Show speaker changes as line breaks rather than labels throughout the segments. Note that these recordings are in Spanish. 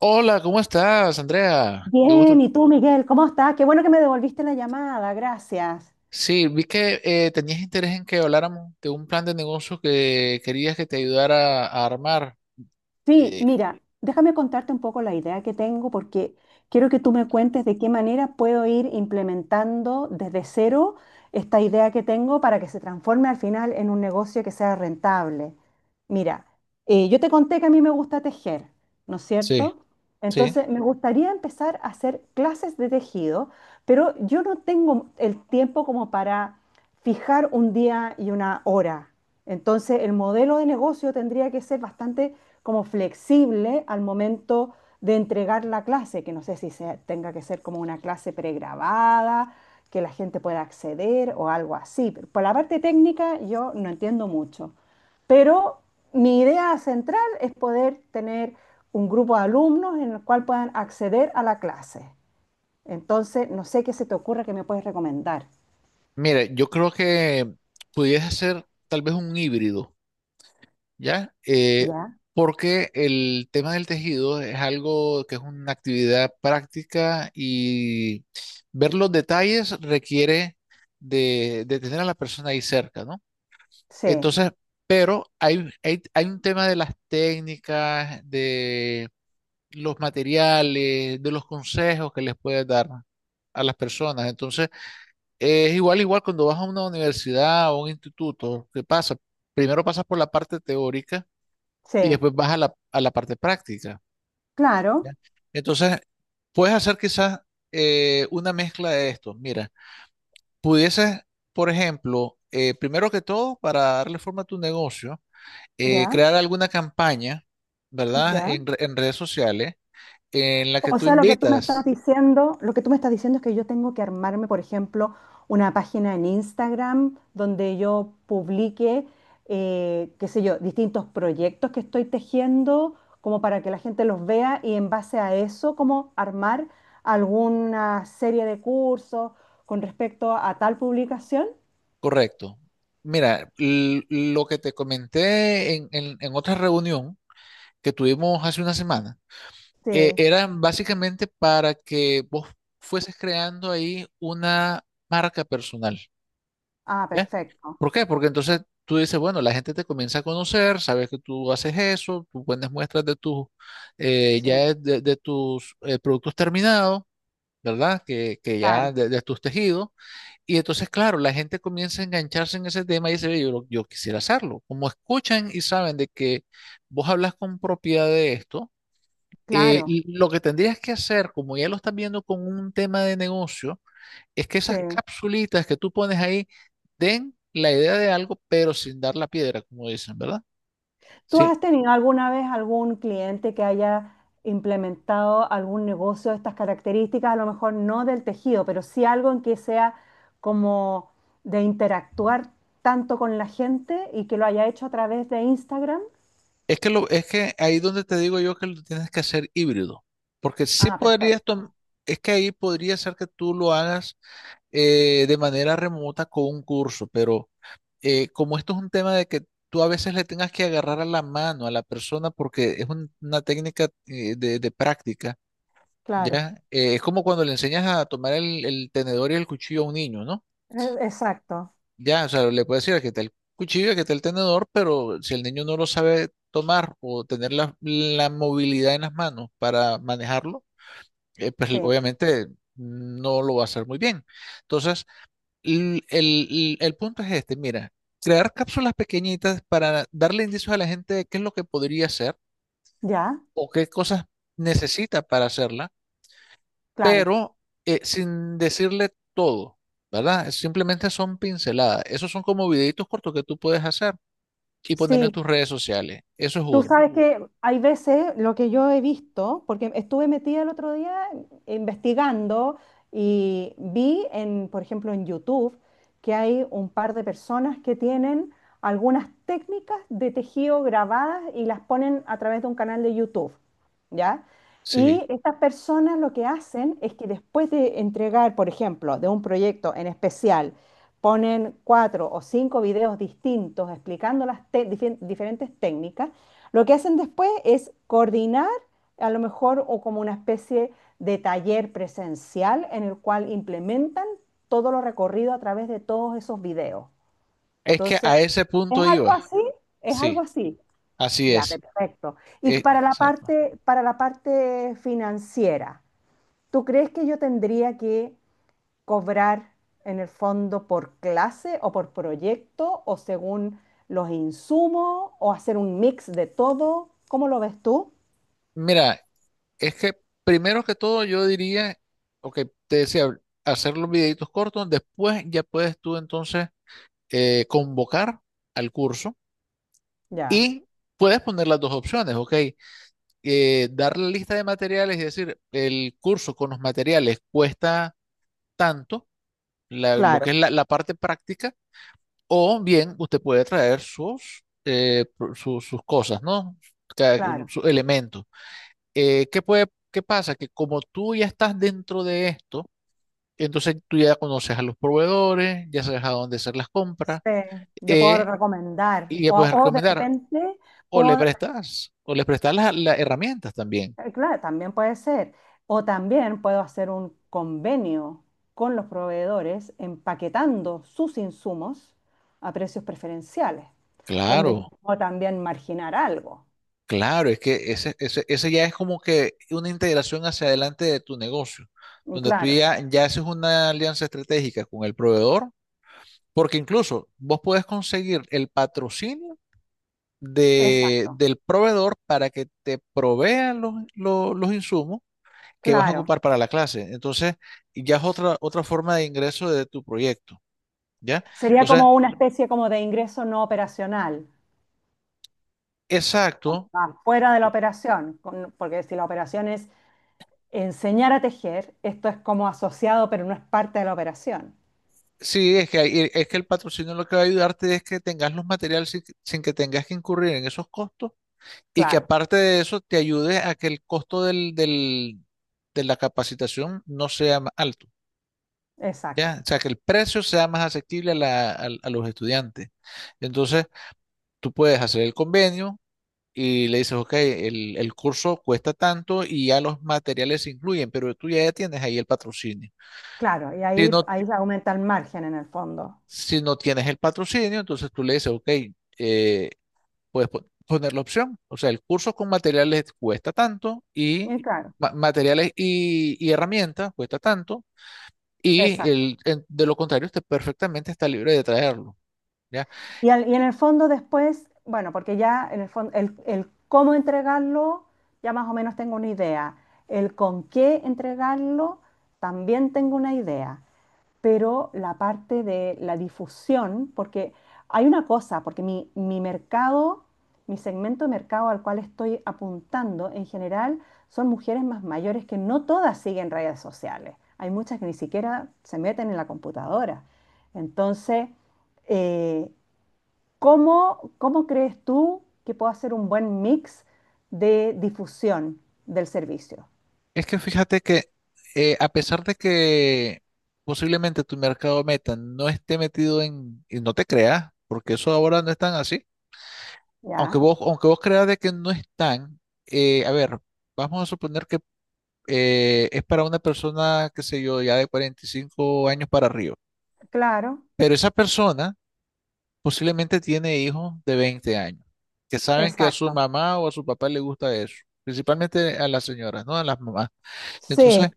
Hola, ¿cómo estás, Andrea? Qué
Bien,
gusto.
¿y tú, Miguel? ¿Cómo estás? Qué bueno que me devolviste la llamada, gracias.
Sí, vi que tenías interés en que habláramos de un plan de negocio que querías que te ayudara a armar.
Sí,
Eh,
mira, déjame contarte un poco la idea que tengo porque quiero que tú me cuentes de qué manera puedo ir implementando desde cero esta idea que tengo para que se transforme al final en un negocio que sea rentable. Mira, yo te conté que a mí me gusta tejer, ¿no es
sí,
cierto?
sí.
Entonces, me gustaría empezar a hacer clases de tejido, pero yo no tengo el tiempo como para fijar un día y una hora. Entonces, el modelo de negocio tendría que ser bastante como flexible al momento de entregar la clase, que no sé si se- tenga que ser como una clase pregrabada, que la gente pueda acceder o algo así. Pero por la parte técnica yo no entiendo mucho, pero mi idea central es poder tener un grupo de alumnos en el cual puedan acceder a la clase. Entonces, no sé qué se te ocurra que me puedes recomendar.
Mira, yo creo que pudieras hacer tal vez un híbrido, ¿ya?
¿Ya?
Porque el tema del tejido es algo que es una actividad práctica y ver los detalles requiere de tener a la persona ahí cerca, ¿no?
Sí,
Entonces, pero hay un tema de las técnicas, de los materiales, de los consejos que les puedes dar a las personas. Entonces, es igual cuando vas a una universidad o un instituto, ¿qué pasa? Primero pasas por la parte teórica y
sí,
después vas a a la parte práctica. ¿Ya?
claro,
Entonces, puedes hacer quizás una mezcla de esto. Mira, pudieses, por ejemplo, primero que todo, para darle forma a tu negocio,
ya,
crear alguna campaña, ¿verdad?
ya.
En redes sociales en la que
O
tú
sea, lo que tú me estás
invitas,
diciendo, es que yo tengo que armarme, por ejemplo, una página en Instagram donde yo publique, qué sé yo, distintos proyectos que estoy tejiendo, como para que la gente los vea y en base a eso, como armar alguna serie de cursos con respecto a tal publicación.
correcto. Mira, lo que te comenté en otra reunión que tuvimos hace una semana,
Sí.
era básicamente para que vos fueses creando ahí una marca personal,
Ah,
¿ya?
perfecto.
¿Por qué? Porque entonces tú dices, bueno, la gente te comienza a conocer, sabes que tú haces eso, tú pones muestras de tus,
Sí,
de tus productos terminados, ¿verdad? Que
claro,
ya de tus tejidos. Y entonces, claro, la gente comienza a engancharse en ese tema y dice, "Ve, yo quisiera hacerlo". Como escuchan y saben de que vos hablas con propiedad de esto,
claro.
y lo que tendrías que hacer, como ya lo estás viendo con un tema de negocio, es que esas
Sí,
capsulitas que tú pones ahí den la idea de algo, pero sin dar la piedra, como dicen, ¿verdad?
¿tú
Sí.
has tenido alguna vez algún cliente que haya implementado algún negocio de estas características? A lo mejor no del tejido, pero sí algo en que sea como de interactuar tanto con la gente y que lo haya hecho a través de Instagram.
Es que ahí donde te digo yo que lo tienes que hacer híbrido, porque sí
Ah, perfecto.
es que ahí podría ser que tú lo hagas de manera remota con un curso, pero como esto es un tema de que tú a veces le tengas que agarrar a la mano a la persona porque es una técnica de práctica,
Claro,
¿ya? Es como cuando le enseñas a tomar el tenedor y el cuchillo a un niño, ¿no?
exacto.
Ya, o sea, le puedes decir aquí está el cuchillo, aquí está el tenedor, pero si el niño no lo sabe tomar o tener la movilidad en las manos para manejarlo, pues
Sí,
obviamente no lo va a hacer muy bien. Entonces, el punto es este, mira, crear cápsulas pequeñitas para darle indicios a la gente de qué es lo que podría hacer
ya,
o qué cosas necesita para hacerla,
claro.
pero sin decirle todo, ¿verdad? Simplemente son pinceladas. Esos son como videitos cortos que tú puedes hacer y ponerlo en
Sí,
tus redes sociales. Eso es
tú
uno.
sabes que hay veces lo que yo he visto, porque estuve metida el otro día investigando y vi en, por ejemplo, en YouTube que hay un par de personas que tienen algunas técnicas de tejido grabadas y las ponen a través de un canal de YouTube, ¿ya?
Sí.
Y estas personas lo que hacen es que después de entregar, por ejemplo, de un proyecto en especial, ponen cuatro o cinco videos distintos explicando las diferentes técnicas. Lo que hacen después es coordinar a lo mejor o como una especie de taller presencial en el cual implementan todo lo recorrido a través de todos esos videos.
Es que
Entonces,
a ese
¿es
punto
algo
iba.
así? ¿Es
Sí,
algo así?
así
Ya,
es.
perfecto. Y para la
Exacto.
parte, financiera, ¿tú crees que yo tendría que cobrar en el fondo por clase o por proyecto o según los insumos o hacer un mix de todo? ¿Cómo lo ves tú?
Mira, es que primero que todo yo diría, ok, te decía, hacer los videitos cortos, después ya puedes tú entonces convocar al curso
Ya,
y puedes poner las dos opciones, ok, dar la lista de materiales y decir, el curso con los materiales cuesta tanto, lo que es
claro,
la la parte práctica. O bien, usted puede traer sus, sus cosas, ¿no? Ca-
claro.
Sus elementos. ¿Qué puede, qué pasa? Que como tú ya estás dentro de esto, entonces tú ya conoces a los proveedores, ya sabes a dónde hacer las compras,
Sí, yo puedo
eh,
recomendar.
y ya puedes
O de
recomendar.
repente puedo,
O le prestas las herramientas también.
claro, también puede ser. O también puedo hacer un convenio con los proveedores empaquetando sus insumos a precios preferenciales, donde yo
Claro,
puedo también marginar algo.
claro, es que ese ya es como que una integración hacia adelante de tu negocio,
Mm,
donde tú
claro,
ya haces una alianza estratégica con el proveedor. Porque incluso vos puedes conseguir el patrocinio
exacto,
del proveedor para que te provean los insumos que vas a
claro.
ocupar para la clase. Entonces, ya es otra forma de ingreso de tu proyecto, ¿ya?
Sería
Entonces,
como una especie como de ingreso no operacional,
exacto.
ah, fuera de la operación, porque si la operación es enseñar a tejer, esto es como asociado, pero no es parte de la operación.
Sí, es que, es que el patrocinio lo que va a ayudarte es que tengas los materiales sin, que sin que tengas que incurrir en esos costos y que
Claro,
aparte de eso te ayude a que el costo de la capacitación no sea más alto.
exacto.
¿Ya? O sea, que el precio sea más asequible a, a los estudiantes. Entonces, tú puedes hacer el convenio y le dices, ok, el curso cuesta tanto y ya los materiales se incluyen, pero tú ya tienes ahí el patrocinio.
Claro, y
Si
ahí,
no,
aumenta el margen en el fondo.
si no tienes el patrocinio, entonces tú le dices, ok, eh, puedes poner la opción. O sea, el curso con materiales cuesta tanto y
Y claro,
materiales y herramientas cuesta tanto. Y
exacto.
de lo contrario, usted perfectamente está libre de traerlo. ¿Ya?
Y en el fondo después, bueno, porque ya en el fondo, el cómo entregarlo, ya más o menos tengo una idea. El con qué entregarlo, también tengo una idea. Pero la parte de la difusión, porque hay una cosa, porque mi mercado, mi segmento de mercado al cual estoy apuntando en general son mujeres más mayores que no todas siguen redes sociales. Hay muchas que ni siquiera se meten en la computadora. Entonces, eh, ¿cómo, crees tú que puedo hacer un buen mix de difusión del servicio?
Es que fíjate que a pesar de que posiblemente tu mercado meta no esté metido en, y no te creas, porque eso ahora no es tan así,
¿Ya?
aunque vos creas de que no es tan, a ver, vamos a suponer que es para una persona, qué sé yo, ya de 45 años para arriba,
Claro,
pero esa persona posiblemente tiene hijos de 20 años, que saben que a su
exacto.
mamá o a su papá le gusta eso, principalmente a las señoras, ¿no? A las mamás. Entonces,
Sí,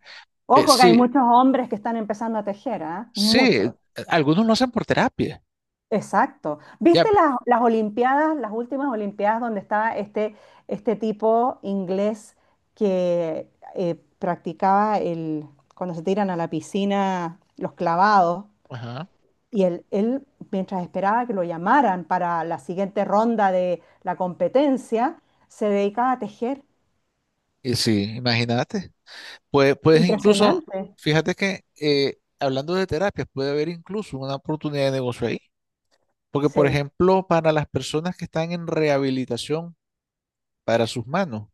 ojo que hay
si,
muchos hombres que están empezando a tejer, ¿ah?
sí,
Muchos.
algunos lo hacen por terapia.
Exacto.
Ya,
¿Viste
pe-
las Olimpiadas, las últimas Olimpiadas donde estaba este, este tipo inglés que practicaba el, cuando se tiran a la piscina los clavados?
Ajá.
Y él, mientras esperaba que lo llamaran para la siguiente ronda de la competencia, se dedicaba a tejer.
Y sí, imagínate. Puedes incluso,
Impresionante.
fíjate que hablando de terapias, puede haber incluso una oportunidad de negocio ahí. Porque, por
Sí,
ejemplo, para las personas que están en rehabilitación para sus manos,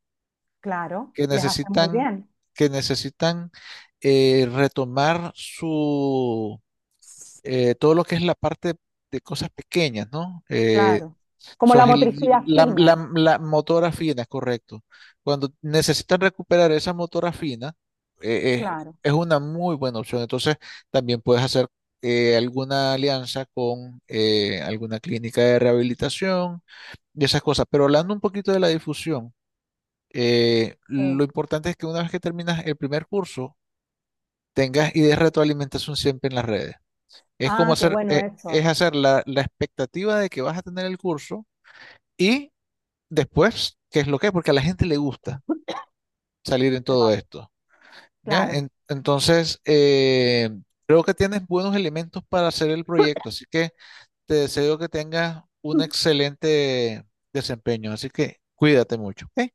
claro,
que
les hace muy
necesitan,
bien.
que necesitan retomar su todo lo que es la parte de cosas pequeñas, ¿no?
Claro. Como la motricidad fina,
La motora fina, correcto. Cuando necesitan recuperar esa motora fina, eh, eh,
claro.
es una muy buena opción. Entonces, también puedes hacer alguna alianza con alguna clínica de rehabilitación y esas cosas. Pero hablando un poquito de la difusión,
Eh.
lo importante es que una vez que terminas el primer curso, tengas ideas de retroalimentación siempre en las redes. Es como
Ah, qué
hacer,
bueno eso.
es hacer la la expectativa de que vas a tener el curso. Y después, ¿qué es lo que Porque a la gente le gusta salir en todo esto, ¿ya?
Claro.
Entonces, creo que tienes buenos elementos para hacer el proyecto, así que te deseo que tengas un excelente desempeño, así que cuídate mucho, ¿ok?